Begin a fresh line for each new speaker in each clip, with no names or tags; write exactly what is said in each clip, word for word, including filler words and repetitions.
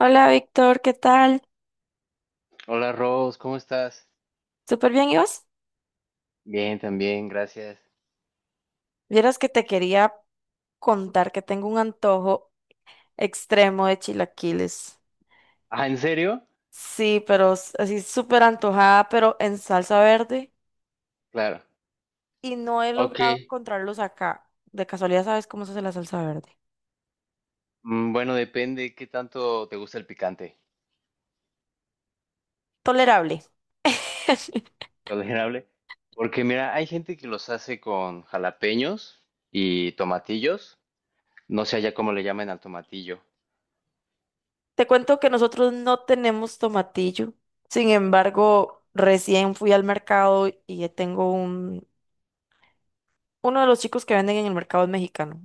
Hola Víctor, ¿qué tal?
Hola Rose, ¿cómo estás?
¿Súper bien, ¿y vos?
Bien, también, gracias.
Vieras que te quería contar que tengo un antojo extremo de chilaquiles.
Ah, ¿en serio?
Sí, pero s- así súper antojada, pero en salsa verde.
Claro.
Y no he
Ok.
logrado encontrarlos acá. De casualidad, ¿sabes cómo se hace la salsa verde?
Mm, Bueno, depende qué tanto te gusta el picante.
Tolerable.
¿Tolerable? Porque mira, hay gente que los hace con jalapeños y tomatillos. No sé allá cómo le llaman al tomatillo.
Te cuento que nosotros no tenemos tomatillo. Sin embargo, recién fui al mercado y tengo un... Uno de los chicos que venden en el mercado es mexicano.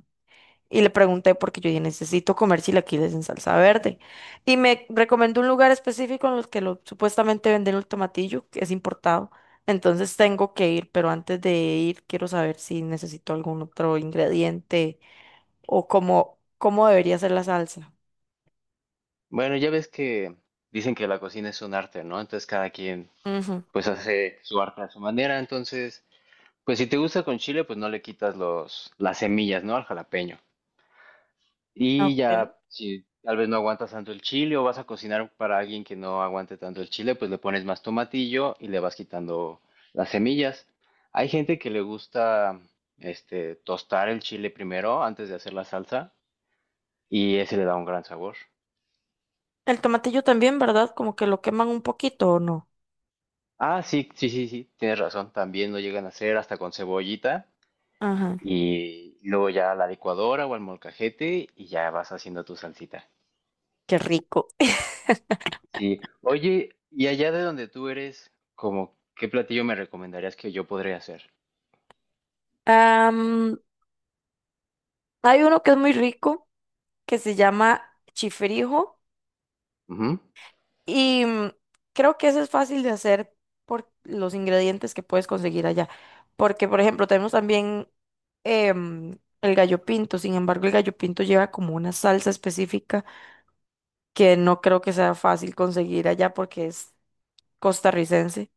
Y le pregunté porque yo dije, necesito comer chilaquiles en salsa verde. Y me recomendó un lugar específico en el que lo, supuestamente venden el tomatillo, que es importado. Entonces tengo que ir, pero antes de ir quiero saber si necesito algún otro ingrediente o cómo, cómo debería ser la salsa.
Bueno, ya ves que dicen que la cocina es un arte, ¿no? Entonces cada quien
Ujú.
pues hace su arte a su manera. Entonces, pues si te gusta con chile, pues no le quitas los, las semillas, ¿no? Al jalapeño. Y
Ok.
ya, si tal vez no aguantas tanto el chile o vas a cocinar para alguien que no aguante tanto el chile, pues le pones más tomatillo y le vas quitando las semillas. Hay gente que le gusta este tostar el chile primero antes de hacer la salsa y ese le da un gran sabor.
El tomatillo también, ¿verdad? Como que lo queman un poquito o no.
Ah, sí, sí, sí, sí, tienes razón, también lo llegan a hacer hasta con cebollita
Ajá,
y luego ya a la licuadora o al molcajete y ya vas haciendo tu salsita.
qué rico.
Sí. Oye, y allá de donde tú eres, como, ¿qué platillo me recomendarías que yo podría hacer?
Am, hay uno que es muy rico, que se llama chifrijo.
Ujú,
Y mm, creo que eso es fácil de hacer por los ingredientes que puedes conseguir allá. Porque, por ejemplo, tenemos también em, el gallo pinto. Sin embargo, el gallo pinto lleva como una salsa específica que no creo que sea fácil conseguir allá porque es costarricense.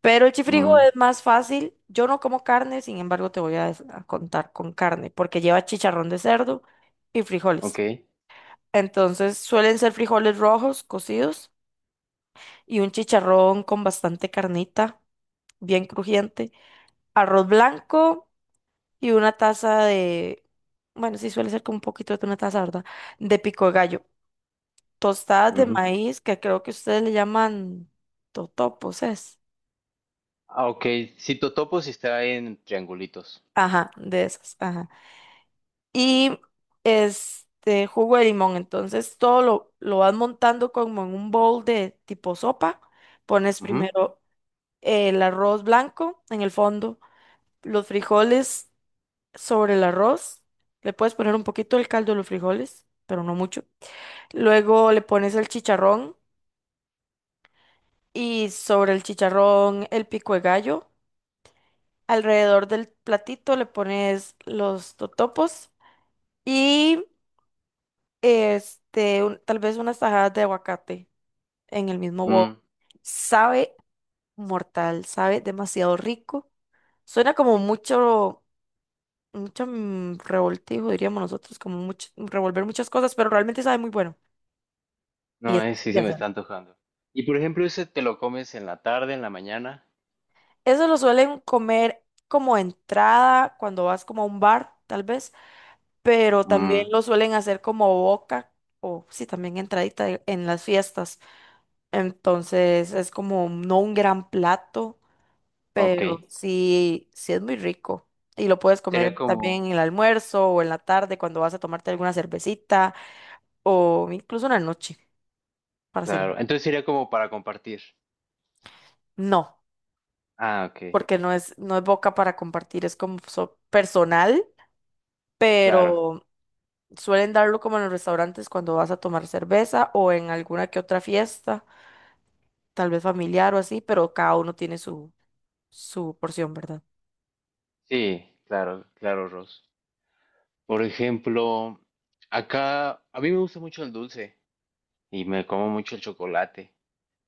Pero el chifrijo
mm,
es más fácil. Yo no como carne, sin embargo, te voy a, des- a contar con carne porque lleva chicharrón de cerdo y
ok.
frijoles. Entonces, suelen ser frijoles rojos cocidos y un chicharrón con bastante carnita, bien crujiente, arroz blanco y una taza de, bueno, sí suele ser como un poquito de una taza, ¿verdad? De pico de gallo, tostadas de
Ujú.
maíz, que creo que ustedes le llaman totopos, es.
Ah, ok. Si totopo si está en triangulitos.
Ajá, de esas, ajá. Y este jugo de limón, entonces todo lo, lo vas montando como en un bowl de tipo sopa, pones
Ujú,
primero el arroz blanco en el fondo, los frijoles sobre el arroz. Le puedes poner un poquito del caldo de los frijoles, pero no mucho. Luego le pones el chicharrón y sobre el chicharrón el pico de gallo. Alrededor del platito le pones los totopos y este, un- tal vez unas tajadas de aguacate en el mismo bowl.
mm,
Sabe mortal, sabe demasiado rico. Suena como mucho, mucho mm, revoltijo, diríamos nosotros, como mucho, revolver muchas cosas, pero realmente sabe muy bueno. Y
no,
es
eh,
fácil
sí,
de
sí me
hacer.
está antojando. Y por ejemplo, ese te lo comes en la tarde, en la mañana.
Eso lo suelen comer como entrada cuando vas como a un bar, tal vez, pero también
Mm,
lo suelen hacer como boca o sí, también entradita de- en las fiestas. Entonces es como no un gran plato,
ok.
pero sí, sí es muy rico. Y lo puedes comer
Sería
también
como,
en el almuerzo o en la tarde cuando vas a tomarte alguna cervecita o incluso una noche para hacer.
claro. Entonces sería como para compartir.
No,
Ah, ok.
porque no es, no es boca para compartir, es como so- personal,
Claro.
pero suelen darlo como en los restaurantes cuando vas a tomar cerveza o en alguna que otra fiesta, tal vez familiar o así, pero cada uno tiene su, su porción, ¿verdad?
Sí, claro, claro, Ross. Por ejemplo, acá a mí me gusta mucho el dulce y me como mucho el chocolate,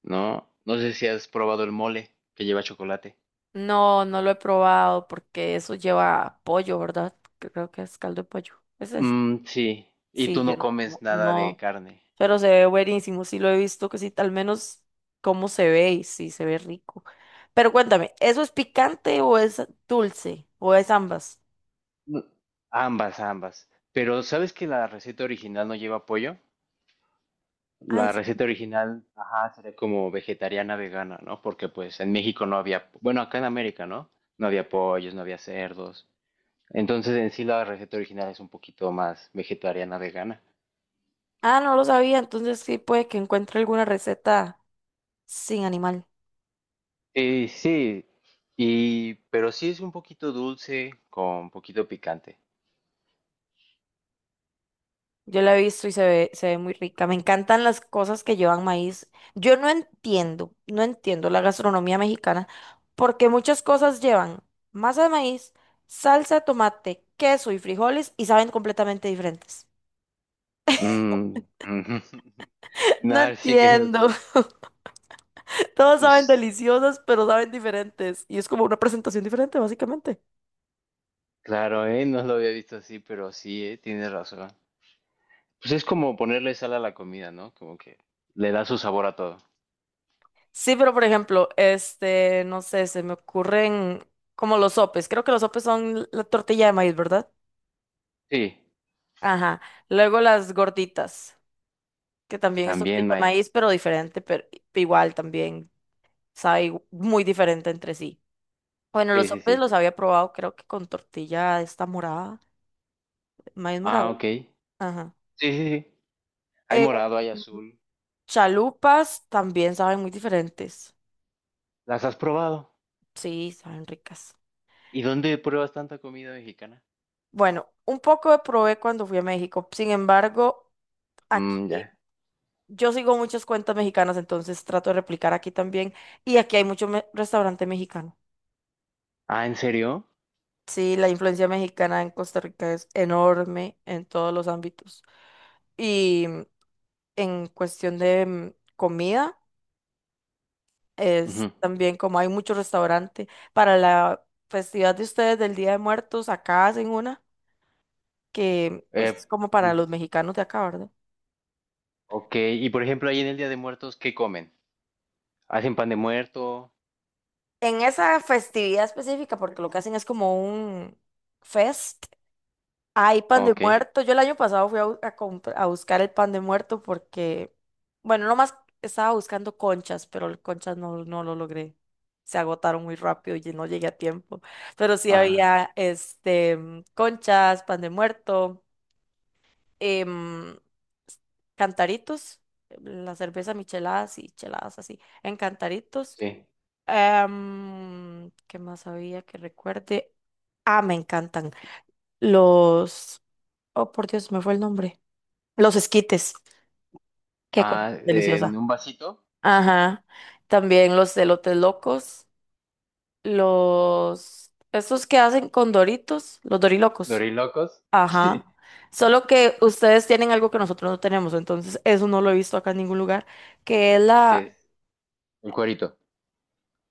¿no? No sé si has probado el mole que lleva chocolate.
No, no lo he probado porque eso lleva pollo, ¿verdad? Creo que es caldo de pollo. ¿Es ¿Ese sí?
Mm, sí, y tú
Sí, yo
no
no
comes
como,
nada de
no,
carne.
pero se ve buenísimo, sí lo he visto, que sí, al menos cómo se ve y sí, se ve rico. Pero cuéntame, ¿eso es picante o es dulce? ¿O es ambas?
No, ambas, ambas. Pero ¿sabes que la receta original no lleva pollo?
Ah, ¿en
La receta original, ajá, sería como vegetariana vegana, ¿no? Porque pues en México no había, bueno, acá en América, ¿no? No había pollos, no había cerdos. Entonces en sí la receta original es un poquito más vegetariana vegana.
Ah, no lo sabía, entonces sí puede que encuentre alguna receta sin animal.
Y sí, y pero sí es un poquito dulce con poquito picante.
Yo la he visto y se ve, se ve muy rica. Me encantan las cosas que llevan maíz. Yo no entiendo, no entiendo la gastronomía mexicana porque muchas cosas llevan masa de maíz, salsa de tomate, queso y frijoles y saben completamente diferentes.
Mm, ujú.
No
Nah, sí que no
entiendo.
sé.
Todos saben
Pues
deliciosas, pero saben diferentes. Y es como una presentación diferente, básicamente.
claro, eh, no lo había visto así, pero sí, eh, tienes razón. Pues es como ponerle sal a la comida, ¿no? Como que le da su sabor a todo.
Sí, pero por ejemplo, este, no sé, se me ocurren como los sopes. Creo que los sopes son la tortilla de maíz, ¿verdad?
Sí,
Ajá. Luego las gorditas, que también es tortilla
también
de maíz,
maíz.
pero diferente, pero igual también sabe igu- muy diferente entre sí. Bueno, los
Sí, sí,
sopes
sí.
los había probado, creo que con tortilla esta morada, maíz
Ah,
morado.
ok. Sí,
Ajá.
sí, sí. Hay
Eh,
morado, hay azul.
chalupas también saben muy diferentes.
¿Las has probado?
Sí, saben ricas.
¿Y dónde pruebas tanta comida mexicana?
Bueno, un poco probé cuando fui a México. Sin embargo,
Mm,
aquí
ya.
yo sigo muchas cuentas mexicanas, entonces trato de replicar aquí también. Y aquí hay mucho me- restaurante mexicano.
Ah, ¿en serio?
Sí, la influencia mexicana en Costa Rica es enorme en todos los ámbitos. Y en cuestión de mm, comida, es
Ujú.
también como hay mucho restaurante. Para la festividad de ustedes del Día de Muertos, acá hacen una que pues
Eh,
es como para los mexicanos de acá, ¿verdad?
Ok, y por ejemplo, ahí en el Día de Muertos, ¿qué comen? ¿Hacen pan de muerto?
En esa festividad específica, porque lo que hacen es como un fest. Hay pan de
Ok.
muerto. Yo el año pasado fui a, bu- a compr- a buscar el pan de muerto porque, bueno, nomás estaba buscando conchas, pero el conchas no, no lo logré. Se agotaron muy rápido y no llegué a tiempo. Pero sí
Ah,
había este mm, conchas, pan de muerto, em, s- cantaritos, em, la cerveza micheladas y cheladas así, en cantaritos.
sí.
Em, ¿qué más había que recuerde? Ah, me encantan. Los... Oh, por Dios, me fue el nombre. Los esquites, qué cosa tan
Ah, en
deliciosa.
un vasito,
Ajá. También los elotes locos, los estos que hacen con Doritos, los dorilocos.
dorilocos. Sí.
Ajá. Solo que ustedes tienen algo que nosotros no tenemos, entonces eso no lo he visto acá en ningún lugar, que es
¿Qué
la...
es? El cuerito.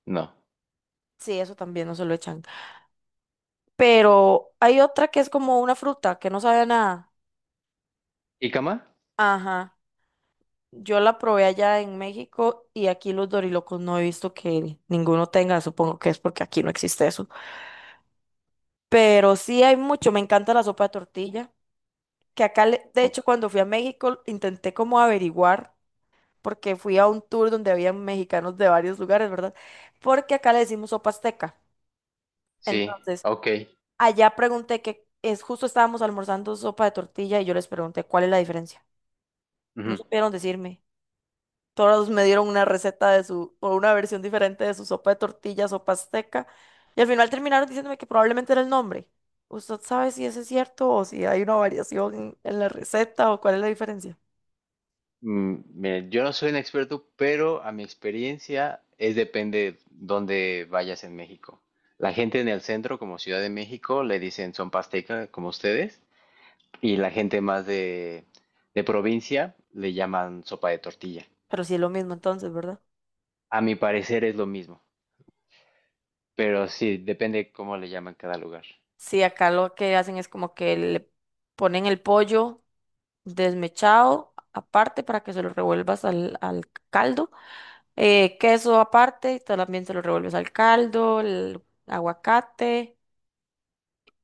No.
Sí, eso también no se lo echan. Pero hay otra que es como una fruta que no sabe a nada.
¿Y cama?
Ajá. Yo la probé allá en México y aquí los dorilocos no he visto que ninguno tenga, supongo que es porque aquí no existe eso. Pero sí hay mucho, me encanta la sopa de tortilla, que acá, le- de hecho,
Ok.
cuando fui a México, intenté como averiguar, porque fui a un tour donde había mexicanos de varios lugares, ¿verdad? Porque acá le decimos sopa azteca.
Sí,
Entonces,
ok.
allá pregunté que es justo estábamos almorzando sopa de tortilla y yo les pregunté cuál es la diferencia. No
Ujú.
supieron decirme. Todos me dieron una receta de su, o una versión diferente de su sopa de tortillas sopa azteca. Y al final terminaron diciéndome que probablemente era el nombre. ¿Usted sabe si eso es cierto o si hay una variación en, en la receta o cuál es la diferencia?
Mm, mira, yo no soy un experto, pero a mi experiencia es depende dónde vayas en México. La gente en el centro, como Ciudad de México, le dicen son pasteca, como ustedes. Y la gente más de, de provincia le llaman sopa de tortilla.
Pero sí es lo mismo entonces, ¿verdad?
A mi parecer es lo mismo, pero sí, depende cómo le llaman cada lugar.
Sí, acá lo que hacen es como que le ponen el pollo desmechado aparte para que se lo revuelvas al, al caldo. Eh, queso aparte, y también se lo revuelves al caldo, el aguacate.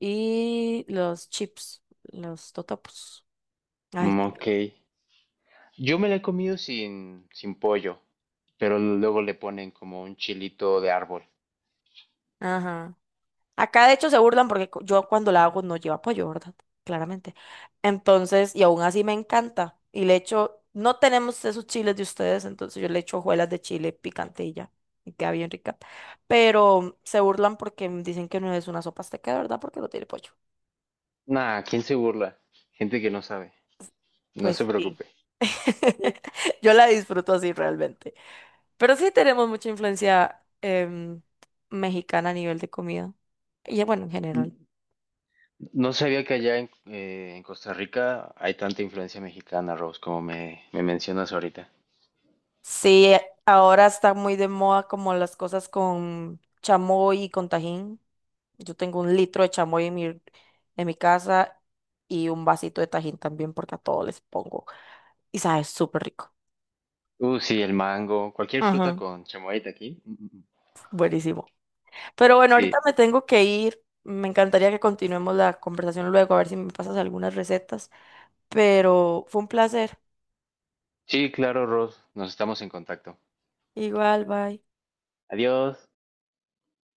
Y los chips, los totopos. Ay,
Mm, ok. Yo me la he comido sin, sin pollo, pero luego le ponen como un chilito de árbol.
ajá. Acá de hecho se burlan porque cu- yo cuando la hago no lleva pollo, ¿verdad? Claramente. Entonces, y aún así me encanta. Y le echo, no tenemos esos chiles de ustedes, entonces yo le echo hojuelas de chile picante y ya. Y queda bien rica. Pero se burlan porque dicen que no es una sopa azteca, de ¿verdad? Porque no tiene pollo.
Nah, ¿quién se burla? Gente que no sabe. No se
Pues sí.
preocupe.
Yo la disfruto así realmente. Pero sí tenemos mucha influencia em, mexicana a nivel de comida. Y eh, bueno, en
N-
general.
No sabía que allá en, eh, en Costa Rica hay tanta influencia mexicana, Rose, como me, me mencionas ahorita.
Sí, eh, ahora está muy de moda como las cosas con chamoy y con tajín. Yo tengo un litro de chamoy en mi, en mi casa y un vasito de tajín también porque a todos les pongo. Y sabe súper rico.
Uh, sí, el mango, cualquier fruta
Ajá,
con chamoyita aquí. Mm, mm,
buenísimo. Pero bueno, ahorita
sí,
me tengo que ir. Me encantaría que continuemos la conversación luego, a ver si me pasas algunas recetas. Pero fue un placer.
sí, claro, Ross, nos estamos en contacto.
Igual, bye.
Adiós.